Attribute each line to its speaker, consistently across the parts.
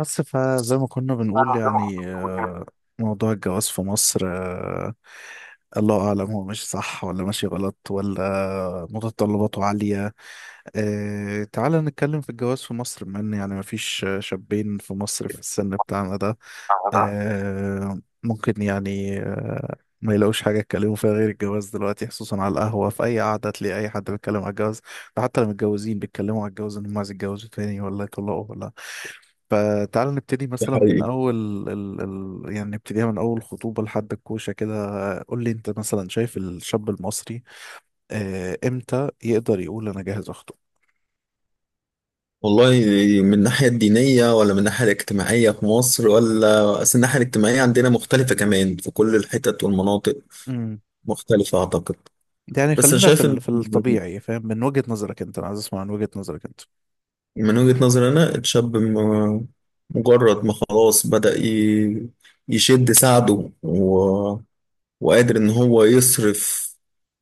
Speaker 1: بس فزي ما كنا بنقول يعني موضوع الجواز في مصر، الله أعلم هو ماشي صح ولا ماشي غلط ولا متطلباته عالية. تعال نتكلم في الجواز في مصر، بما إن يعني مفيش شابين في مصر في السن بتاعنا ده
Speaker 2: ده
Speaker 1: ممكن يعني ما يلاقوش حاجة يتكلموا فيها غير الجواز دلوقتي، خصوصا على القهوة في أي قعدة تلاقي أي حد بيتكلم على الجواز. ده حتى لو متجوزين بيتكلموا على الجواز إنهم عايز يتجوزوا تاني ولا يطلقوا ولا. فتعال نبتدي مثلا من
Speaker 2: حقيقي.
Speaker 1: اول ال... يعني نبتديها من اول خطوبة لحد الكوشة كده. قول لي انت مثلا شايف الشاب المصري امتى يقدر يقول انا جاهز اخطب.
Speaker 2: والله، من الناحية الدينية ولا من الناحية الاجتماعية في مصر، ولا أصل الناحية الاجتماعية عندنا مختلفة كمان في كل الحتت والمناطق.
Speaker 1: امم
Speaker 2: مختلفة أعتقد.
Speaker 1: يعني
Speaker 2: بس أنا
Speaker 1: خلينا في
Speaker 2: شايف
Speaker 1: ال...
Speaker 2: إن
Speaker 1: في الطبيعي، فاهم؟ من وجهة نظرك انت، انا عايز اسمع من وجهة نظرك انت.
Speaker 2: من وجهة نظري أنا الشاب مجرد ما خلاص بدأ يشد ساعده وقادر ان هو يصرف،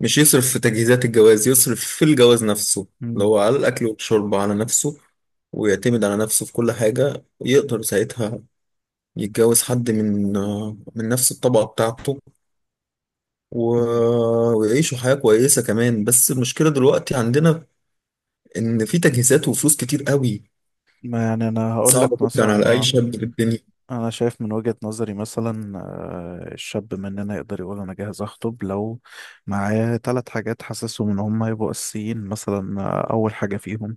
Speaker 2: مش يصرف في تجهيزات الجواز، يصرف في الجواز نفسه اللي
Speaker 1: مم.
Speaker 2: هو على الاكل والشرب على نفسه ويعتمد على نفسه في كل حاجة. يقدر ساعتها يتجوز حد من نفس الطبقة بتاعته ويعيشوا حياة كويسة كمان. بس المشكلة دلوقتي عندنا إن في تجهيزات وفلوس كتير قوي
Speaker 1: ما يعني انا هقول
Speaker 2: صعبة
Speaker 1: لك
Speaker 2: جدا
Speaker 1: مثلا،
Speaker 2: على أي شاب في الدنيا.
Speaker 1: انا شايف من وجهة نظري مثلا الشاب مننا يقدر يقول انا جاهز اخطب لو معاه ثلاث حاجات حاسسهم ان هم هيبقوا اساسيين. مثلا اول حاجة فيهم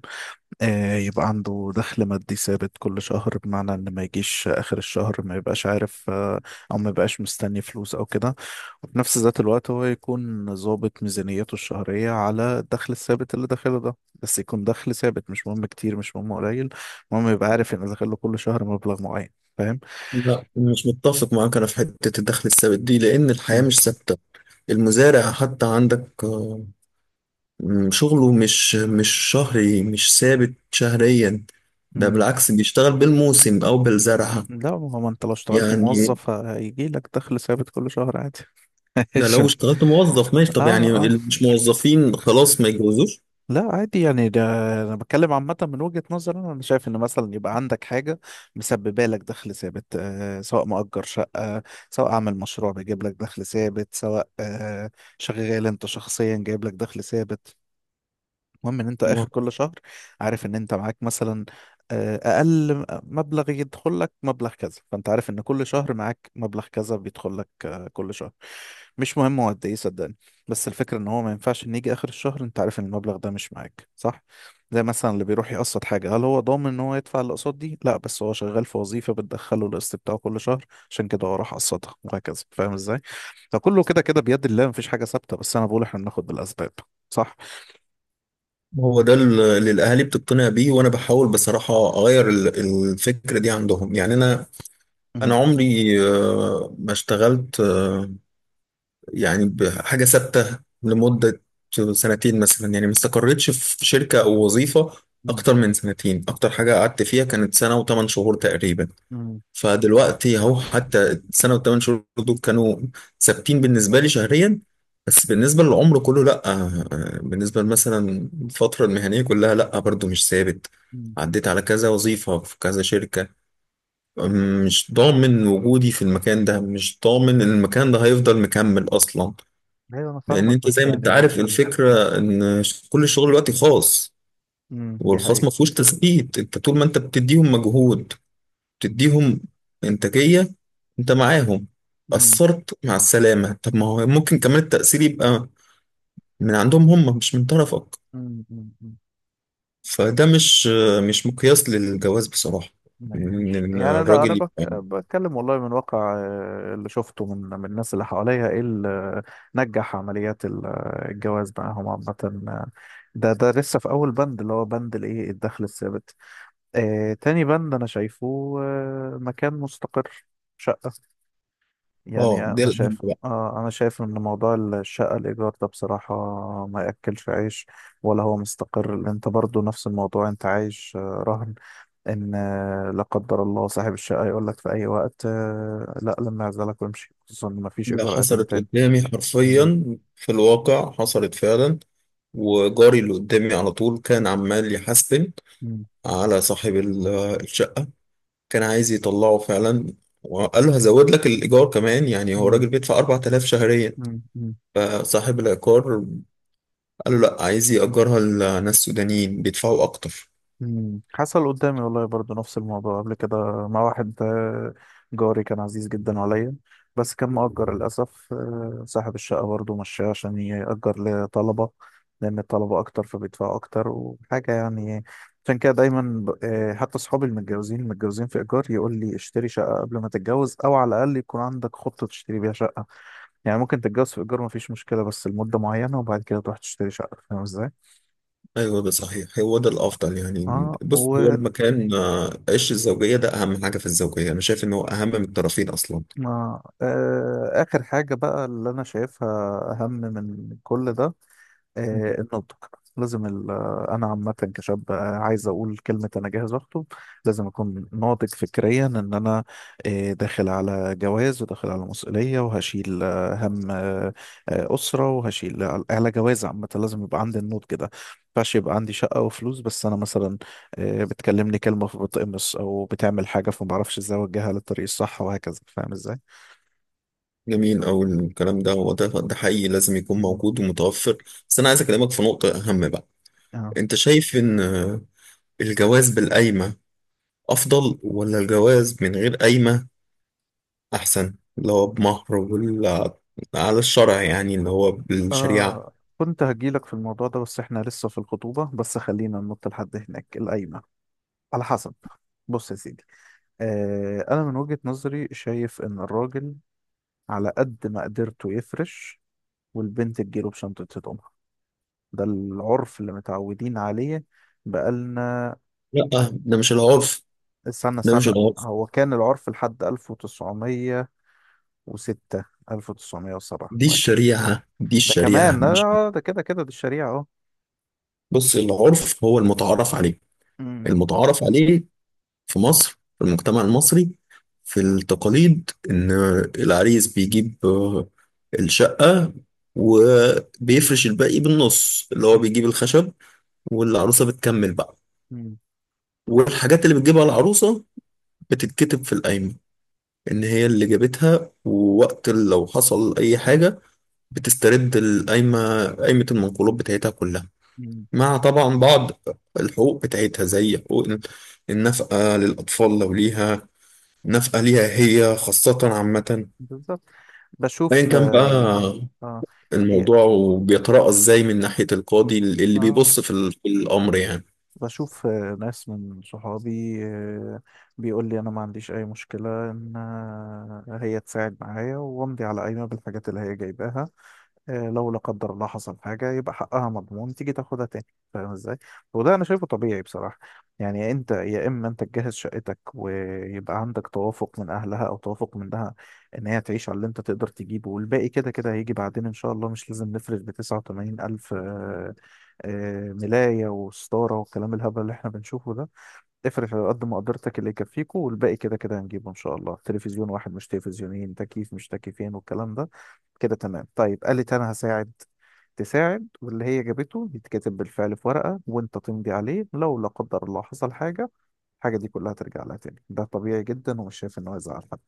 Speaker 1: يبقى عنده دخل مادي ثابت كل شهر، بمعنى ان ما يجيش اخر الشهر ما يبقاش عارف، او ما يبقاش مستني فلوس او كده. وفي نفس ذات الوقت هو يكون ظابط ميزانيته الشهرية على الدخل الثابت اللي داخله ده، بس يكون دخل ثابت، مش مهم كتير مش مهم قليل، المهم يبقى عارف ان داخله كل شهر مبلغ معين. فاهم؟
Speaker 2: لا، مش متفق معاك أنا في حتة الدخل الثابت دي، لأن الحياة
Speaker 1: مم.
Speaker 2: مش ثابتة. المزارع حتى عندك شغله مش شهري، مش ثابت شهريا. ده
Speaker 1: مم.
Speaker 2: بالعكس، بيشتغل بالموسم أو بالزرعة
Speaker 1: لا، ما هو انت لو اشتغلت
Speaker 2: يعني.
Speaker 1: موظف هيجي لك دخل ثابت كل شهر عادي.
Speaker 2: ده لو
Speaker 1: ماشي.
Speaker 2: اشتغلت موظف ماشي، طب
Speaker 1: اه
Speaker 2: يعني
Speaker 1: آه.
Speaker 2: اللي مش موظفين خلاص ما يتجوزوش؟
Speaker 1: لا عادي يعني ده، انا بتكلم عامة من وجهة نظري أنا شايف ان مثلا يبقى عندك حاجة مسببة لك دخل ثابت، سواء مؤجر شقة، سواء عامل مشروع بيجيب لك دخل ثابت، سواء شغال انت شخصيا جايب لك دخل ثابت. المهم ان انت
Speaker 2: ما
Speaker 1: اخر كل شهر عارف ان انت معاك مثلا اقل مبلغ يدخل لك مبلغ كذا، فانت عارف ان كل شهر معاك مبلغ كذا بيدخل لك كل شهر. مش مهم هو قد ايه، صدقني، بس الفكره ان هو ما ينفعش ان يجي اخر الشهر انت عارف ان المبلغ ده مش معاك، صح؟ زي مثلا اللي بيروح يقسط حاجه، هل هو ضامن ان هو يدفع الاقساط دي؟ لا، بس هو شغال في وظيفه بتدخله القسط بتاعه كل شهر، عشان كده هو راح قسطها، وهكذا. فاهم ازاي؟ فكله كده كده بيد الله، مفيش حاجه ثابته، بس انا بقول احنا بناخد بالاسباب. صح.
Speaker 2: هو ده اللي الأهالي بتقتنع بيه، وأنا بحاول بصراحة أغير الفكرة دي عندهم. يعني أنا عمري ما اشتغلت يعني بحاجة ثابتة لمدة سنتين مثلا، يعني ما استقريتش في شركة أو وظيفة
Speaker 1: مم.
Speaker 2: أكتر من سنتين. أكتر حاجة قعدت فيها كانت سنة وثمان شهور تقريبا.
Speaker 1: امم
Speaker 2: فدلوقتي أهو حتى السنة وثمان شهور دول كانوا ثابتين بالنسبة لي شهريا، بس بالنسبة للعمر كله لأ، بالنسبة مثلا الفترة المهنية كلها لأ برضو مش ثابت.
Speaker 1: امم
Speaker 2: عديت على كذا وظيفة في كذا شركة. مش ضامن وجودي في المكان ده، مش ضامن إن المكان ده هيفضل مكمل أصلا.
Speaker 1: ايوه، انا
Speaker 2: لان
Speaker 1: فاهمك
Speaker 2: انت زي
Speaker 1: بس
Speaker 2: ما
Speaker 1: يعني
Speaker 2: انت
Speaker 1: لو.
Speaker 2: عارف الفكره ان كل الشغل دلوقتي خاص.
Speaker 1: دي
Speaker 2: والخاص
Speaker 1: حقيقة.
Speaker 2: ما فيهوش تثبيت. انت طول ما انت بتديهم مجهود، بتديهم انتاجيه، انت معاهم.
Speaker 1: امم
Speaker 2: اثرت، مع السلامه. طب ما هو ممكن كمان التاثير يبقى من عندهم هم مش من طرفك.
Speaker 1: أمم، أمم.
Speaker 2: فده مش مقياس للجواز بصراحه. ان
Speaker 1: ماشي، يعني انا
Speaker 2: الراجل يبقى.
Speaker 1: بتكلم والله من واقع اللي شفته من الناس اللي حواليا، ايه اللي نجح عمليات الجواز معاهم عامة. آه، ده لسه في اول بند، اللي هو بند الايه، الدخل الثابت. تاني بند انا شايفه، مكان مستقر، شقة. يعني
Speaker 2: اه ده
Speaker 1: انا
Speaker 2: الاهم.
Speaker 1: شايف اه انا شايف ان موضوع الشقه الايجار ده بصراحه ما ياكلش عيش، ولا هو مستقر، لأن انت برضو نفس الموضوع انت عايش رهن ان لا قدر الله صاحب الشقه يقول لك في اي وقت لا، لما اعزلك وامشي، خصوصا ان ما فيش
Speaker 2: ده
Speaker 1: ايجار قديم
Speaker 2: حصلت
Speaker 1: تاني.
Speaker 2: قدامي
Speaker 1: مم.
Speaker 2: حرفيا في الواقع، حصلت فعلا. وجاري اللي قدامي على طول كان عمال يحاسبن
Speaker 1: مم.
Speaker 2: على صاحب الشقة، كان عايز يطلعه فعلا، وقال له هزود لك الإيجار كمان. يعني هو راجل بيدفع 4000 شهريا،
Speaker 1: مم. مم.
Speaker 2: فصاحب العقار قال له لا، عايز يأجرها لناس سودانيين بيدفعوا أكتر.
Speaker 1: حصل قدامي والله برضو نفس الموضوع قبل كده، مع واحد جاري، كان عزيز جدا عليا، بس كان مؤجر للأسف، صاحب الشقة برضو مشاه عشان يأجر لطلبة، لأن الطلبة أكتر فبيدفعوا أكتر وحاجة يعني. عشان كده دايما حتى صحابي المتجوزين في إيجار يقول لي اشتري شقة قبل ما تتجوز، أو على الأقل يكون عندك خطة تشتري بيها شقة. يعني ممكن تتجوز في إيجار مفيش مشكلة، بس لمدة معينة وبعد كده تروح تشتري شقة. فاهم إزاي؟
Speaker 2: أيوه ده صحيح، هو ده الأفضل. يعني
Speaker 1: اه،
Speaker 2: بص، هو المكان، عش الزوجية ده أهم حاجة في الزوجية. أنا شايف إن هو أهم من الطرفين أصلا.
Speaker 1: ما آخر حاجة بقى اللي أنا شايفها أهم من كل ده، النضج. لازم أنا عامة كشاب عايز أقول كلمة أنا جاهز أخطب، لازم أكون ناضج فكريا إن أنا داخل على جواز، وداخل على مسؤولية، وهشيل هم أسرة، وهشيل على جواز. عامة لازم يبقى عندي النضج ده، ينفعش يبقى عندي شقة وفلوس بس أنا مثلا بتكلمني كلمة فبتقمص، أو بتعمل حاجة فمعرفش إزاي أوجهها للطريق الصح، وهكذا. فاهم إزاي؟
Speaker 2: جميل أوي الكلام ده، هو ده حقيقي لازم يكون
Speaker 1: مم.
Speaker 2: موجود ومتوفر. بس أنا عايز أكلمك في نقطة أهم بقى.
Speaker 1: اه
Speaker 2: أنت شايف إن الجواز بالقايمة أفضل ولا الجواز من غير قايمة أحسن، اللي هو بمهر، ولا على الشرع يعني اللي هو بالشريعة؟
Speaker 1: كنت هجيلك في الموضوع ده، بس احنا لسه في الخطوبة. بس خلينا ننط لحد هناك، القايمة على حسب. بص يا سيدي، انا من وجهة نظري شايف ان الراجل على قد ما قدرته يفرش، والبنت تجيله بشنطة هدومها، ده العرف اللي متعودين عليه بقالنا.
Speaker 2: لا، ده مش العرف،
Speaker 1: استنى
Speaker 2: ده مش
Speaker 1: استنى،
Speaker 2: العرف.
Speaker 1: هو كان العرف لحد 1906، 1907
Speaker 2: دي
Speaker 1: وهكذا.
Speaker 2: الشريعة، دي
Speaker 1: ده
Speaker 2: الشريعة
Speaker 1: كمان لا،
Speaker 2: مش.
Speaker 1: لا، ده كده كده دي الشريعة اهو.
Speaker 2: بص، العرف هو المتعارف عليه،
Speaker 1: مم.
Speaker 2: المتعارف عليه في مصر في المجتمع المصري في التقاليد. إن العريس بيجيب الشقة وبيفرش الباقي بالنص، اللي هو بيجيب الخشب والعروسة بتكمل بقى.
Speaker 1: مم.
Speaker 2: والحاجات اللي بتجيبها العروسة بتتكتب في القايمة إن هي اللي جابتها، ووقت لو حصل أي حاجة بتسترد القايمة، قايمة المنقولات بتاعتها كلها،
Speaker 1: مم.
Speaker 2: مع طبعا بعض الحقوق بتاعتها زي حقوق النفقة للأطفال لو ليها، ناس آلية هي خاصة عامة.
Speaker 1: بالظبط.
Speaker 2: أيا
Speaker 1: بشوف
Speaker 2: كان بقى
Speaker 1: آه آه, إيه
Speaker 2: الموضوع، وبيتراءى إزاي من ناحية القاضي اللي
Speaker 1: آه
Speaker 2: بيبص في في الأمر يعني،
Speaker 1: بشوف ناس من صحابي آه بيقول لي أنا ما عنديش أي مشكلة إن هي تساعد معايا وأمضي على قايمة بالحاجات اللي هي جايباها. لو لا قدر الله حصل حاجة يبقى حقها مضمون تيجي تاخدها تاني، فاهم ازاي؟ وده أنا شايفه طبيعي بصراحة. يعني أنت يا إما أنت تجهز شقتك ويبقى عندك توافق من أهلها أو توافق منها إن هي تعيش على اللي أنت تقدر تجيبه، والباقي كده كده هيجي بعدين إن شاء الله. مش لازم نفرش بـ89,000 ملاية وستارة والكلام الهبل اللي إحنا بنشوفه ده. افرش على قد مقدرتك اللي يكفيكوا، والباقي كده كده هنجيبه إن شاء الله. تلفزيون واحد مش تلفزيونين، تكييف مش تكييفين، والكلام ده. كده تمام؟ طيب قالت انا هساعد، تساعد، واللي هي جابته يتكتب بالفعل في ورقة وانت تمضي عليه. لو لا قدر الله حصل حاجة، الحاجة دي كلها ترجع لها تاني. ده طبيعي جدا، ومش شايف ان هو يزعل حد.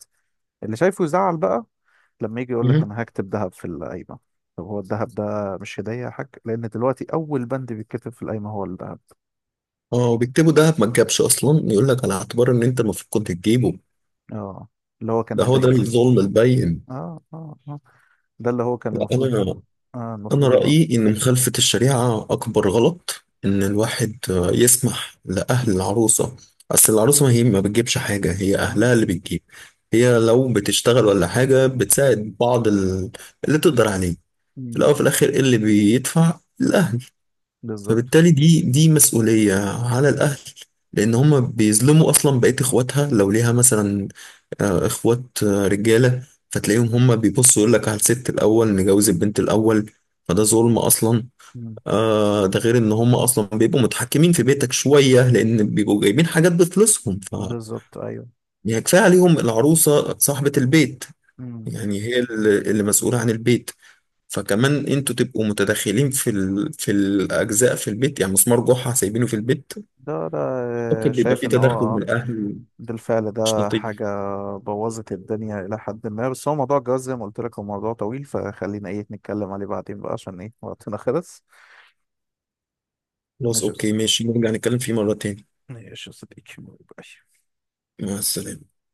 Speaker 1: اللي شايفه يزعل بقى لما يجي يقول لك
Speaker 2: مهم.
Speaker 1: انا هكتب ذهب في القايمة. طب هو الذهب ده مش هدية يا حاج؟ لان دلوقتي اول بند بيتكتب في القايمة هو الذهب.
Speaker 2: اه، وبيكتبوا ده ما تجابش أصلا، يقول لك على اعتبار إن أنت المفروض كنت تجيبه.
Speaker 1: اه، اللي هو كان
Speaker 2: ده هو ده
Speaker 1: هدية اصلا.
Speaker 2: الظلم البين.
Speaker 1: اه، اه، اه، ده اللي هو كان
Speaker 2: لا،
Speaker 1: المفروض.
Speaker 2: أنا
Speaker 1: اه،
Speaker 2: أنا
Speaker 1: المفروض اللي هو.
Speaker 2: رأيي إن مخالفة الشريعة أكبر غلط، إن الواحد يسمح لأهل العروسة، أصل العروسة ما هي ما بتجيبش حاجة، هي
Speaker 1: مم،
Speaker 2: أهلها اللي بتجيب. هي لو بتشتغل ولا حاجة بتساعد بعض اللي تقدر عليه. في
Speaker 1: مم،
Speaker 2: الأول وفي الآخر إيه اللي بيدفع؟ الأهل.
Speaker 1: بالظبط.
Speaker 2: فبالتالي دي مسؤولية على الأهل. لأن هما بيظلموا أصلا بقية إخواتها لو ليها مثلا إخوات رجالة، فتلاقيهم هما بيبصوا يقول لك على الست الأول، نجوز البنت الأول. فده ظلم أصلا.
Speaker 1: مم،
Speaker 2: آه ده غير إن هما أصلا بيبقوا متحكمين في بيتك شوية، لأن بيبقوا جايبين حاجات بفلوسهم. ف
Speaker 1: بالظبط. ايوه.
Speaker 2: يعني كفاية عليهم العروسة صاحبة البيت،
Speaker 1: مم.
Speaker 2: يعني هي اللي مسؤولة عن البيت. فكمان انتوا تبقوا متدخلين في في الاجزاء في البيت، يعني مسمار جحا سايبينه في البيت،
Speaker 1: ده ده
Speaker 2: ممكن
Speaker 1: آه،
Speaker 2: بيبقى
Speaker 1: شايف
Speaker 2: فيه
Speaker 1: ان هو
Speaker 2: تدخل من الاهل،
Speaker 1: بالفعل
Speaker 2: مش
Speaker 1: ده
Speaker 2: لطيف.
Speaker 1: حاجة بوظت الدنيا إلى حد ما. بس هو موضوع الجواز زي ما قلت لك هو موضوع طويل، فخلينا إيه نتكلم عليه بعدين بقى عشان إيه وقتنا خلص.
Speaker 2: خلاص
Speaker 1: ماشي يا
Speaker 2: اوكي
Speaker 1: أستاذ.
Speaker 2: ماشي، نرجع نتكلم فيه مرة تاني.
Speaker 1: ماشي يا صديقي، باي.
Speaker 2: مع السلامة.